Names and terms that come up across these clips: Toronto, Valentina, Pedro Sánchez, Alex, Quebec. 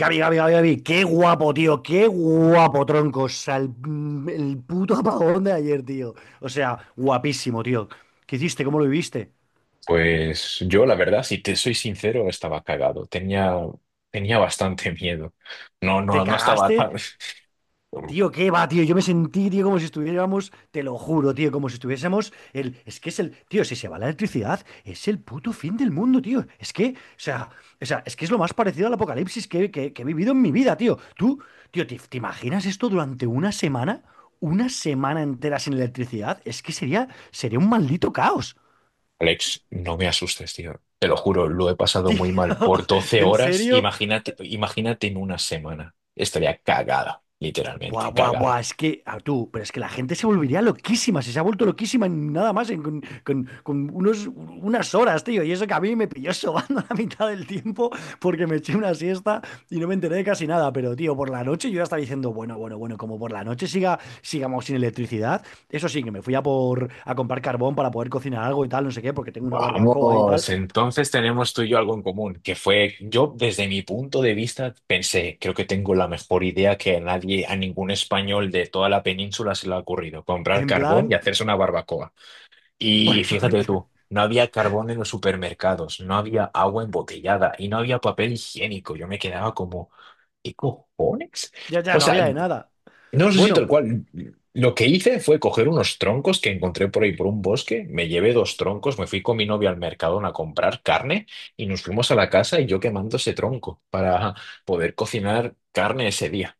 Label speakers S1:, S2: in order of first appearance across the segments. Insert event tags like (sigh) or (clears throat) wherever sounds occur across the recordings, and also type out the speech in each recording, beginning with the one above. S1: Gaby, Gaby, Gaby, Gaby, qué guapo, tío, qué guapo, tronco. O sea, el puto apagón de ayer, tío. O sea, guapísimo, tío. ¿Qué hiciste? ¿Cómo lo viviste?
S2: Pues yo, la verdad, si te soy sincero, estaba cagado. Tenía bastante (laughs) miedo. No,
S1: ¿Te
S2: no, no estaba
S1: cagaste?
S2: tan. (laughs) Uf,
S1: Tío, ¿qué va, tío? Yo me sentí, tío, como si estuviéramos, te lo juro, tío, como si estuviésemos el, es que es el, tío, si se va la electricidad, es el puto fin del mundo, tío. Es que, o sea, es que es lo más parecido al apocalipsis que he vivido en mi vida, tío. Tú, tío, ¿te imaginas esto durante una semana? Una semana entera sin electricidad, es que sería un maldito caos.
S2: Alex, no me asustes, tío. Te lo juro, lo he pasado
S1: Tío,
S2: muy mal
S1: (laughs)
S2: por doce
S1: en
S2: horas.
S1: serio,
S2: Imagínate en una semana. Estaría cagada,
S1: buah,
S2: literalmente,
S1: buah,
S2: cagada.
S1: buah, es que, ah, tú, pero es que la gente se volvería loquísima, si se ha vuelto loquísima en nada más en- con unas horas, tío, y eso que a mí me pilló sobando (laughs) la mitad del tiempo porque me eché una siesta y no me enteré de casi nada, pero tío, por la noche yo ya estaba diciendo, bueno, bueno, bueno, como por la noche siga, sigamos sin electricidad, eso sí, que me fui a comprar carbón para poder cocinar algo y tal, no sé qué, porque tengo una barbacoa y tal,
S2: Vamos, entonces tenemos tú y yo algo en común, que fue, yo desde mi punto de vista pensé, creo que tengo la mejor idea que a nadie, a ningún español de toda la península se le ha ocurrido, comprar
S1: en
S2: carbón y
S1: plan,
S2: hacerse una barbacoa.
S1: (laughs) bueno,
S2: Y fíjate tú,
S1: (laughs)
S2: no había carbón en los supermercados, no había agua embotellada y no había papel higiénico. Yo me quedaba como, ¿qué cojones?
S1: ya
S2: O
S1: no
S2: sea,
S1: había de nada.
S2: no sé si tal
S1: Bueno,
S2: cual. Lo que hice fue coger unos troncos que encontré por ahí por un bosque, me llevé dos troncos, me fui con mi novia al mercado a comprar carne y nos fuimos a la casa y yo quemando ese tronco para poder cocinar carne ese día.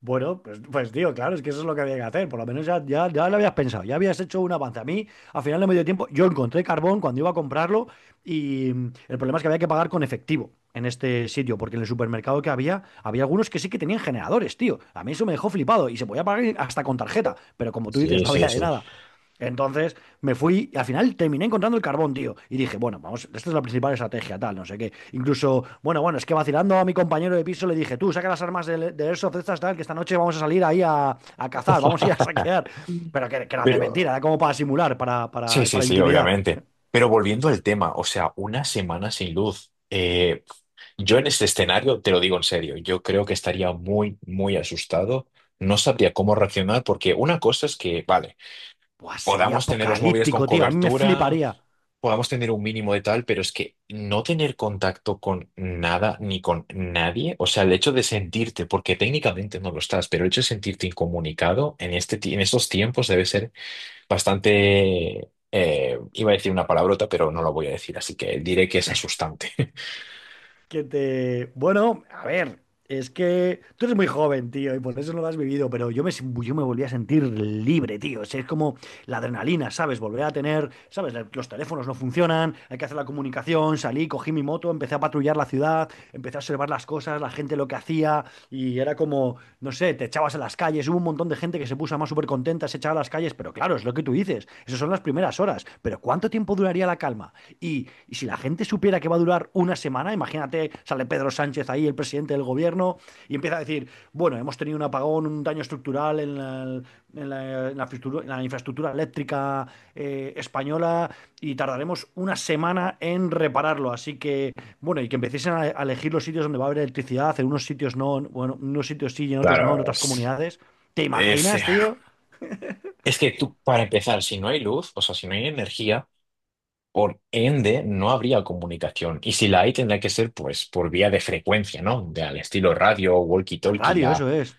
S1: Bueno, pues tío, claro, es que eso es lo que había que hacer. Por lo menos ya lo habías pensado, ya habías hecho un avance. A mí, al final de medio tiempo, yo encontré carbón cuando iba a comprarlo y el problema es que había que pagar con efectivo en este sitio, porque en el supermercado que había, había algunos que sí que tenían generadores, tío. A mí eso me dejó flipado y se podía pagar hasta con tarjeta, pero como tú dices,
S2: Sí,
S1: no
S2: sí,
S1: había de
S2: sí.
S1: nada. Entonces me fui, y al final terminé encontrando el carbón, tío. Y dije, bueno, vamos, esta es la principal estrategia, tal, no sé qué. Incluso, bueno, es que vacilando a mi compañero de piso le dije, tú, saca las armas de Airsoft estas, tal, que esta noche vamos a salir ahí a cazar, vamos a ir a
S2: (laughs)
S1: saquear. Pero que eran de
S2: Pero
S1: mentira, era como para simular, para,
S2: sí,
S1: para,
S2: sí,
S1: para
S2: sí,
S1: intimidar.
S2: obviamente. Pero volviendo al tema, o sea, una semana sin luz. Yo en este escenario, te lo digo en serio, yo creo que estaría muy, muy asustado. No sabría cómo reaccionar porque una cosa es que, vale,
S1: Buah, sería
S2: podamos tener los móviles con
S1: apocalíptico, tío, a mí me
S2: cobertura,
S1: fliparía.
S2: podamos tener un mínimo de tal, pero es que no tener contacto con nada ni con nadie, o sea, el hecho de sentirte, porque técnicamente no lo estás, pero el hecho de sentirte incomunicado en este, en estos tiempos debe ser bastante, iba a decir una palabrota, pero no la voy a decir, así que diré que es asustante. (laughs)
S1: Que te... Bueno, a ver, es que tú eres muy joven, tío, y por eso no lo has vivido, pero yo me, sin- yo me volví a sentir libre, tío. O sea, es como la adrenalina, ¿sabes? Volver a tener, ¿sabes? Los teléfonos no funcionan, hay que hacer la comunicación, salí, cogí mi moto, empecé a patrullar la ciudad, empecé a observar las cosas, la gente lo que hacía, y era como, no sé, te echabas a las calles, hubo un montón de gente que se puso más súper contenta, se echaba a las calles, pero claro, es lo que tú dices, esas son las primeras horas, pero ¿cuánto tiempo duraría la calma? Y si la gente supiera que va a durar una semana, imagínate, sale Pedro Sánchez ahí, el presidente del gobierno, y empieza a decir, bueno, hemos tenido un apagón, un daño estructural en la, en la infraestructura, eléctrica española y tardaremos una semana en repararlo. Así que, bueno, y que empiecen a elegir los sitios donde va a haber electricidad, en unos sitios no, bueno, en unos sitios sí y en otros no, en
S2: Claro,
S1: otras comunidades. ¿Te
S2: es, eh,
S1: imaginas, tío?
S2: es que tú, para empezar, si no hay luz, o sea, si no hay energía, por ende, no habría comunicación. Y si la hay, tendría que ser pues por vía de frecuencia, ¿no? De, al estilo radio,
S1: La
S2: walkie-talkie,
S1: radio,
S2: la,
S1: eso es.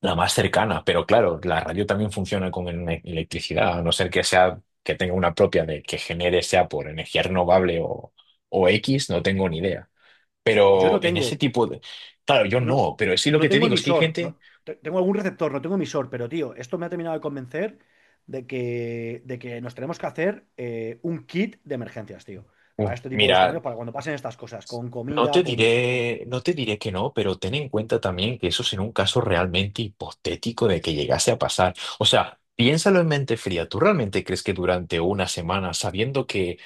S2: la más cercana. Pero claro, la radio también funciona con ele- electricidad, a no ser que sea, que tenga una propia de que genere, sea por energía renovable o X, no tengo ni idea.
S1: Yo no
S2: Pero en ese
S1: tengo,
S2: tipo de... Claro, yo
S1: no,
S2: no, pero sí lo que
S1: no
S2: te
S1: tengo
S2: digo es que hay
S1: emisor,
S2: gente...
S1: no, te- tengo algún receptor, no tengo emisor, pero tío, esto me ha terminado de convencer de que nos tenemos que hacer un kit de emergencias, tío, para
S2: Uf,
S1: este tipo de
S2: mira,
S1: escenarios, para cuando pasen estas cosas, con
S2: No te
S1: comida, con, con.
S2: diré, no te diré que no, pero ten en cuenta también que eso es en un caso realmente hipotético de que llegase a pasar. O sea, piénsalo en mente fría. ¿Tú realmente crees que durante una semana, sabiendo que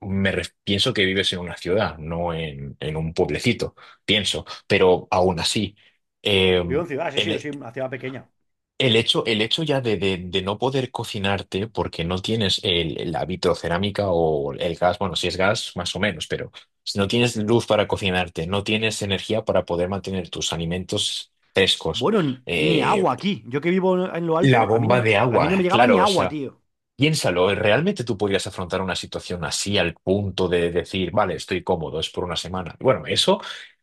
S2: pienso que vives en una ciudad, no en, en un pueblecito, pienso, pero aún así, eh,
S1: Vivo en ciudad, sí, sí, yo
S2: el-
S1: soy una ciudad pequeña.
S2: el hecho ya de no poder cocinarte porque no tienes el, la vitrocerámica o el gas, bueno, si es gas, más o menos, pero si no tienes luz para cocinarte, no tienes energía para poder mantener tus alimentos frescos,
S1: Bueno, ni
S2: eh,
S1: agua aquí. Yo que vivo en lo
S2: la
S1: alto,
S2: bomba de
S1: a mí
S2: agua,
S1: no me llegaba ni
S2: claro, o
S1: agua,
S2: sea,
S1: tío.
S2: piénsalo, ¿realmente tú podrías afrontar una situación así al punto de decir, vale, estoy cómodo, es por una semana? Bueno, eso...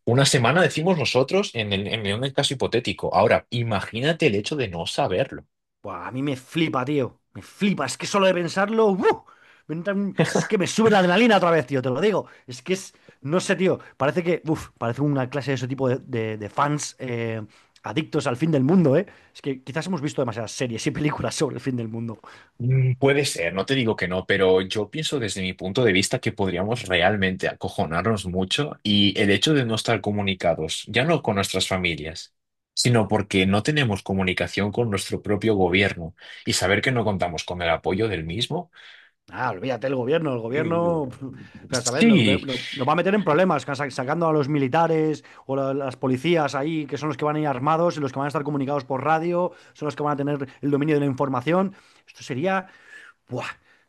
S2: Una semana decimos nosotros en el caso hipotético. Ahora, imagínate el hecho de no saberlo.
S1: Buah, a mí me flipa, tío. Me flipa. Es que solo de pensarlo. ¡Uh! Es que me sube la adrenalina otra vez, tío. Te lo digo. Es que es. No sé, tío. Parece que. Parece una clase de ese tipo de fans adictos al fin del mundo, ¿eh? Es que quizás hemos visto demasiadas series y películas sobre el fin del mundo.
S2: Puede ser, no te digo que no, pero yo pienso desde mi punto de vista que podríamos realmente acojonarnos mucho y el hecho de no estar comunicados, ya no con nuestras familias, sino porque no tenemos comunicación con nuestro propio gobierno y saber que no contamos con el apoyo del mismo.
S1: Ah, olvídate el gobierno, el gobierno. (laughs) O
S2: Mm,
S1: sea, ¿sabes?
S2: sí,
S1: Nos va a meter en problemas sacando a los militares o las policías ahí, que son los que van a ir armados y los que van a estar comunicados por radio, son los que van a tener el dominio de la información. Esto sería, buah,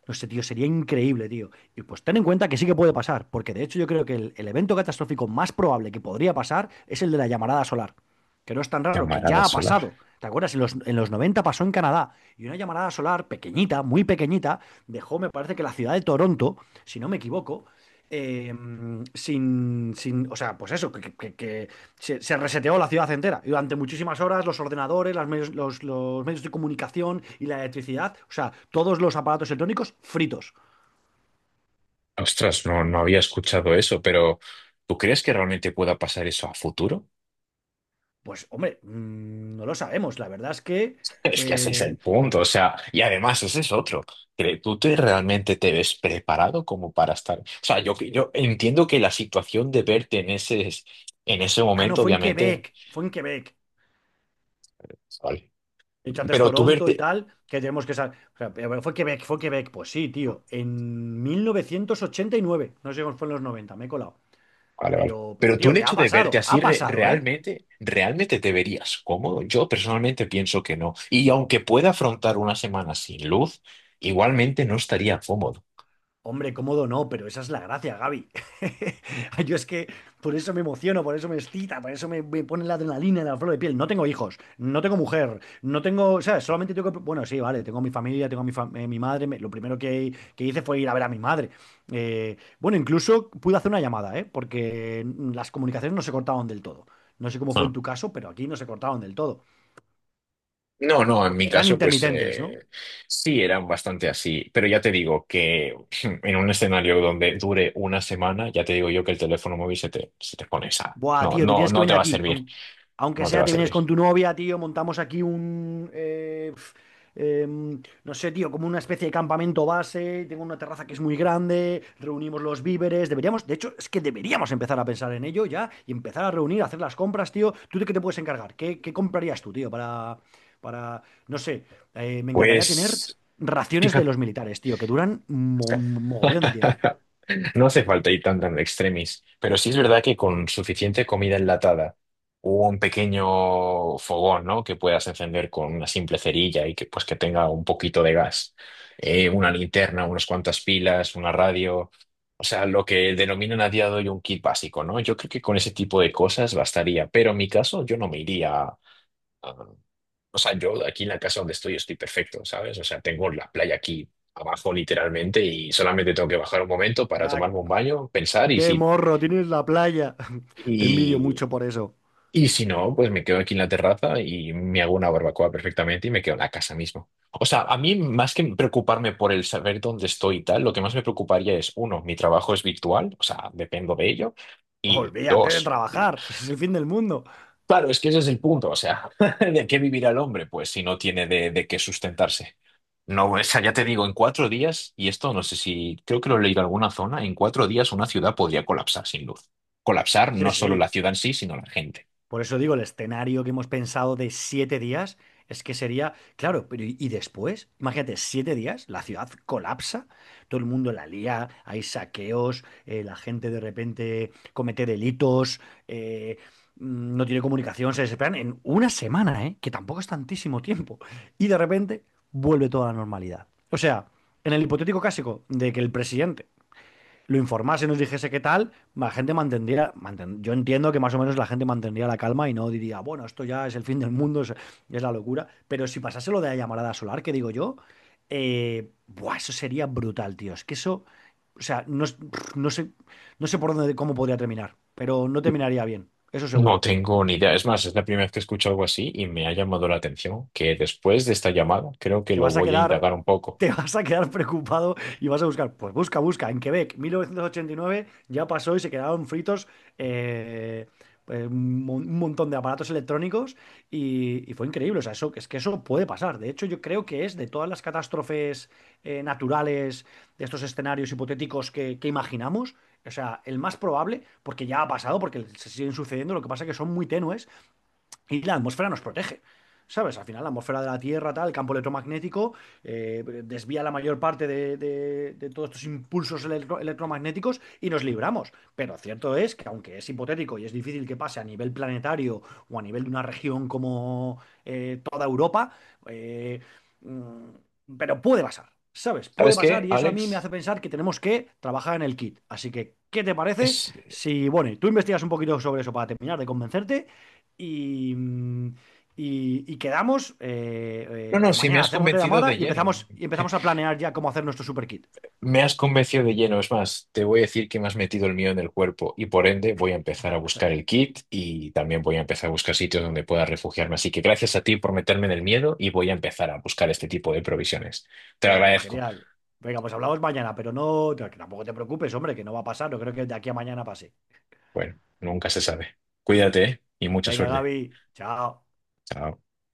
S1: no sé, tío, sería increíble, tío. Y pues ten en cuenta que sí que puede pasar, porque de hecho yo creo que el evento catastrófico más probable que podría pasar es el de la llamarada solar que no es tan raro, que
S2: llamarada
S1: ya ha
S2: solar.
S1: pasado. ¿Te acuerdas? En los 90 pasó en Canadá y una llamarada solar pequeñita, muy pequeñita, dejó, me parece que la ciudad de Toronto, si no me equivoco, eh, sin, sin, o sea, pues eso, que se, se reseteó la ciudad entera. Y durante muchísimas horas los ordenadores, los medios de comunicación y la electricidad, o sea, todos los aparatos electrónicos fritos.
S2: Ostras, no, no había escuchado eso, pero ¿tú crees que realmente pueda pasar eso a futuro?
S1: Pues hombre, no lo sabemos. La verdad es que...
S2: Es que ese es el
S1: eh,
S2: punto, o sea, y además ese es otro. Que realmente te ves preparado como para estar? O sea, yo entiendo que la situación de verte en ese
S1: Ah, no,
S2: momento,
S1: fue en
S2: obviamente,
S1: Quebec, fue en Quebec.
S2: vale.
S1: He dicho antes
S2: Pero tú
S1: Toronto y
S2: verte,
S1: tal, que tenemos que saber. O sea, pero bueno, fue Quebec, fue Quebec. Pues sí, tío. En 1989. No sé cómo fue, en los 90 me he colado.
S2: vale, vale.
S1: Pero,
S2: Pero tú
S1: tío,
S2: el
S1: ¿qué
S2: hecho
S1: ha
S2: de verte
S1: pasado?
S2: así
S1: Ha
S2: re-
S1: pasado, ¿eh?
S2: realmente, realmente te verías cómodo. Yo personalmente pienso que no. Y aunque pueda afrontar una semana sin luz, igualmente no estaría cómodo.
S1: Hombre, cómodo no, pero esa es la gracia, Gaby. (laughs) Yo es que por eso me emociono, por eso me excita, por eso me pone la adrenalina en la flor de piel. No tengo hijos, no tengo mujer, no tengo, o sea, solamente tengo que... Bueno, sí, vale, tengo mi familia, tengo mi madre. Lo primero que hice fue ir a ver a mi madre. Bueno, incluso pude hacer una llamada, ¿eh? Porque las comunicaciones no se cortaban del todo. No sé cómo fue
S2: Ah.
S1: en tu caso, pero aquí no se cortaban del todo.
S2: No, no, en mi
S1: Eran
S2: caso, pues
S1: intermitentes, ¿no?
S2: sí, eran bastante así, pero ya te digo que (clears throat) (laughs) en un escenario donde dure una semana, ya te digo yo que el teléfono móvil se te pone esa.
S1: Buah,
S2: No,
S1: tío, te
S2: no,
S1: tienes que
S2: no te
S1: venir
S2: va a
S1: aquí.
S2: servir,
S1: Aunque,
S2: no te va
S1: sea,
S2: a
S1: te vienes
S2: servir.
S1: con tu novia, tío. Montamos aquí no sé, tío, como una especie de campamento base. Tengo una terraza que es muy grande. Reunimos los víveres. Deberíamos, de hecho, es que deberíamos empezar a pensar en ello ya y empezar a reunir, a hacer las compras, tío. ¿Tú de qué te puedes encargar? ¿Qué comprarías tú, tío? Para. Para. No sé. Me encantaría tener
S2: Pues,
S1: raciones de
S2: fíjate.
S1: los militares, tío, que duran mogollón de tiempo.
S2: (laughs) No hace falta ir tan tan extremis, pero sí es verdad que con suficiente comida enlatada o un pequeño fogón, ¿no? Que puedas encender con una simple cerilla y que pues que tenga un poquito de gas, una linterna, unas cuantas pilas, una radio, o sea, lo que denominan a día de hoy un kit básico, ¿no? Yo creo que con ese tipo de cosas bastaría, pero en mi caso yo no me iría. Ah, o sea, yo aquí en la casa donde estoy estoy perfecto, ¿sabes? O sea, tengo la playa aquí abajo literalmente y solamente tengo que bajar un momento para
S1: Ya.
S2: tomarme un baño, pensar
S1: Qué morro, tienes la playa. (laughs) Te envidio
S2: y,
S1: mucho por eso.
S2: y si no, pues me quedo aquí en la terraza y me hago una barbacoa perfectamente y me quedo en la casa mismo. O sea, a mí más que preocuparme por el saber dónde estoy y tal, lo que más me preocuparía es, uno, mi trabajo es virtual, o sea, dependo de ello, y
S1: Olvídate de
S2: dos,
S1: trabajar, ese es el fin del mundo.
S2: claro, es que ese es el punto, o sea, (laughs) ¿de qué vivirá el hombre? Pues si no tiene de qué sustentarse. No, o sea, ya te digo, en 4 días, y esto no sé si, creo que lo he leído en alguna zona, en 4 días una ciudad podría colapsar sin luz. Colapsar
S1: Sí,
S2: no solo
S1: sí.
S2: la ciudad en sí, sino la gente.
S1: Por eso digo, el escenario que hemos pensado de 7 días es que sería, claro, pero ¿y después? Imagínate, 7 días, la ciudad colapsa, todo el mundo la lía, hay saqueos, la gente de repente comete delitos, eh, no tiene comunicación, se desesperan en una semana, ¿eh? Que tampoco es tantísimo tiempo. Y de repente vuelve toda la normalidad. O sea, en el hipotético caso de que el presidente lo informase, nos dijese qué tal, la gente mantendría, manten- yo entiendo que más o menos la gente mantendría la calma y no diría, bueno, esto ya es el fin del mundo, es la locura, pero si pasase lo de la llamarada solar, que digo yo, buah, eso sería brutal, tío, es que eso, o sea, no, no sé, no sé por dónde, cómo podría terminar, pero no terminaría bien, eso
S2: No
S1: seguro.
S2: tengo ni idea. Es más, es la primera vez que escucho algo así y me ha llamado la atención que después de esta llamada creo que
S1: Te
S2: lo
S1: vas a
S2: voy a
S1: quedar,
S2: indagar un poco.
S1: te vas a quedar preocupado y vas a buscar. Pues busca, busca. En Quebec, 1989, ya pasó y se quedaron fritos eh, un un montón de aparatos electrónicos y fue increíble. O sea, eso, es que eso puede pasar. De hecho, yo creo que es de todas las catástrofes naturales, de estos escenarios hipotéticos que imaginamos. O sea, el más probable, porque ya ha pasado, porque se siguen sucediendo, lo que pasa es que son muy tenues y la atmósfera nos protege. ¿Sabes? Al final la atmósfera de la Tierra, tal, el campo electromagnético, desvía la mayor parte de todos estos impulsos electromagnéticos y nos libramos. Pero cierto es que aunque es hipotético y es difícil que pase a nivel planetario o a nivel de una región como toda Europa, eh, mm, pero puede pasar, ¿sabes? Puede
S2: ¿Sabes
S1: pasar
S2: qué,
S1: y eso a mí me
S2: Alex?
S1: hace pensar que tenemos que trabajar en el kit. Así que, ¿qué te parece?
S2: Es...
S1: Si, bueno, y tú investigas un poquito sobre eso para terminar de convencerte y, mm, y quedamos,
S2: No, no,
S1: o
S2: si me
S1: mañana
S2: has
S1: hacemos la
S2: convencido
S1: llamada
S2: de
S1: y
S2: lleno.
S1: empezamos a planear ya cómo hacer nuestro super kit.
S2: Me has convencido de lleno, es más, te voy a decir que me has metido el mío en el cuerpo y por ende voy a empezar a buscar el kit y también voy a empezar a buscar sitios donde pueda refugiarme. Así que gracias a ti por meterme en el miedo y voy a empezar a buscar este tipo de provisiones. Te lo
S1: Bueno,
S2: agradezco.
S1: genial. Venga, pues hablamos mañana, pero no, no, que tampoco te preocupes, hombre, que no va a pasar, no creo que de aquí a mañana pase.
S2: Bueno, nunca se sabe. Cuídate, ¿eh? Y mucha
S1: Venga,
S2: suerte.
S1: Gaby, chao.
S2: Chao.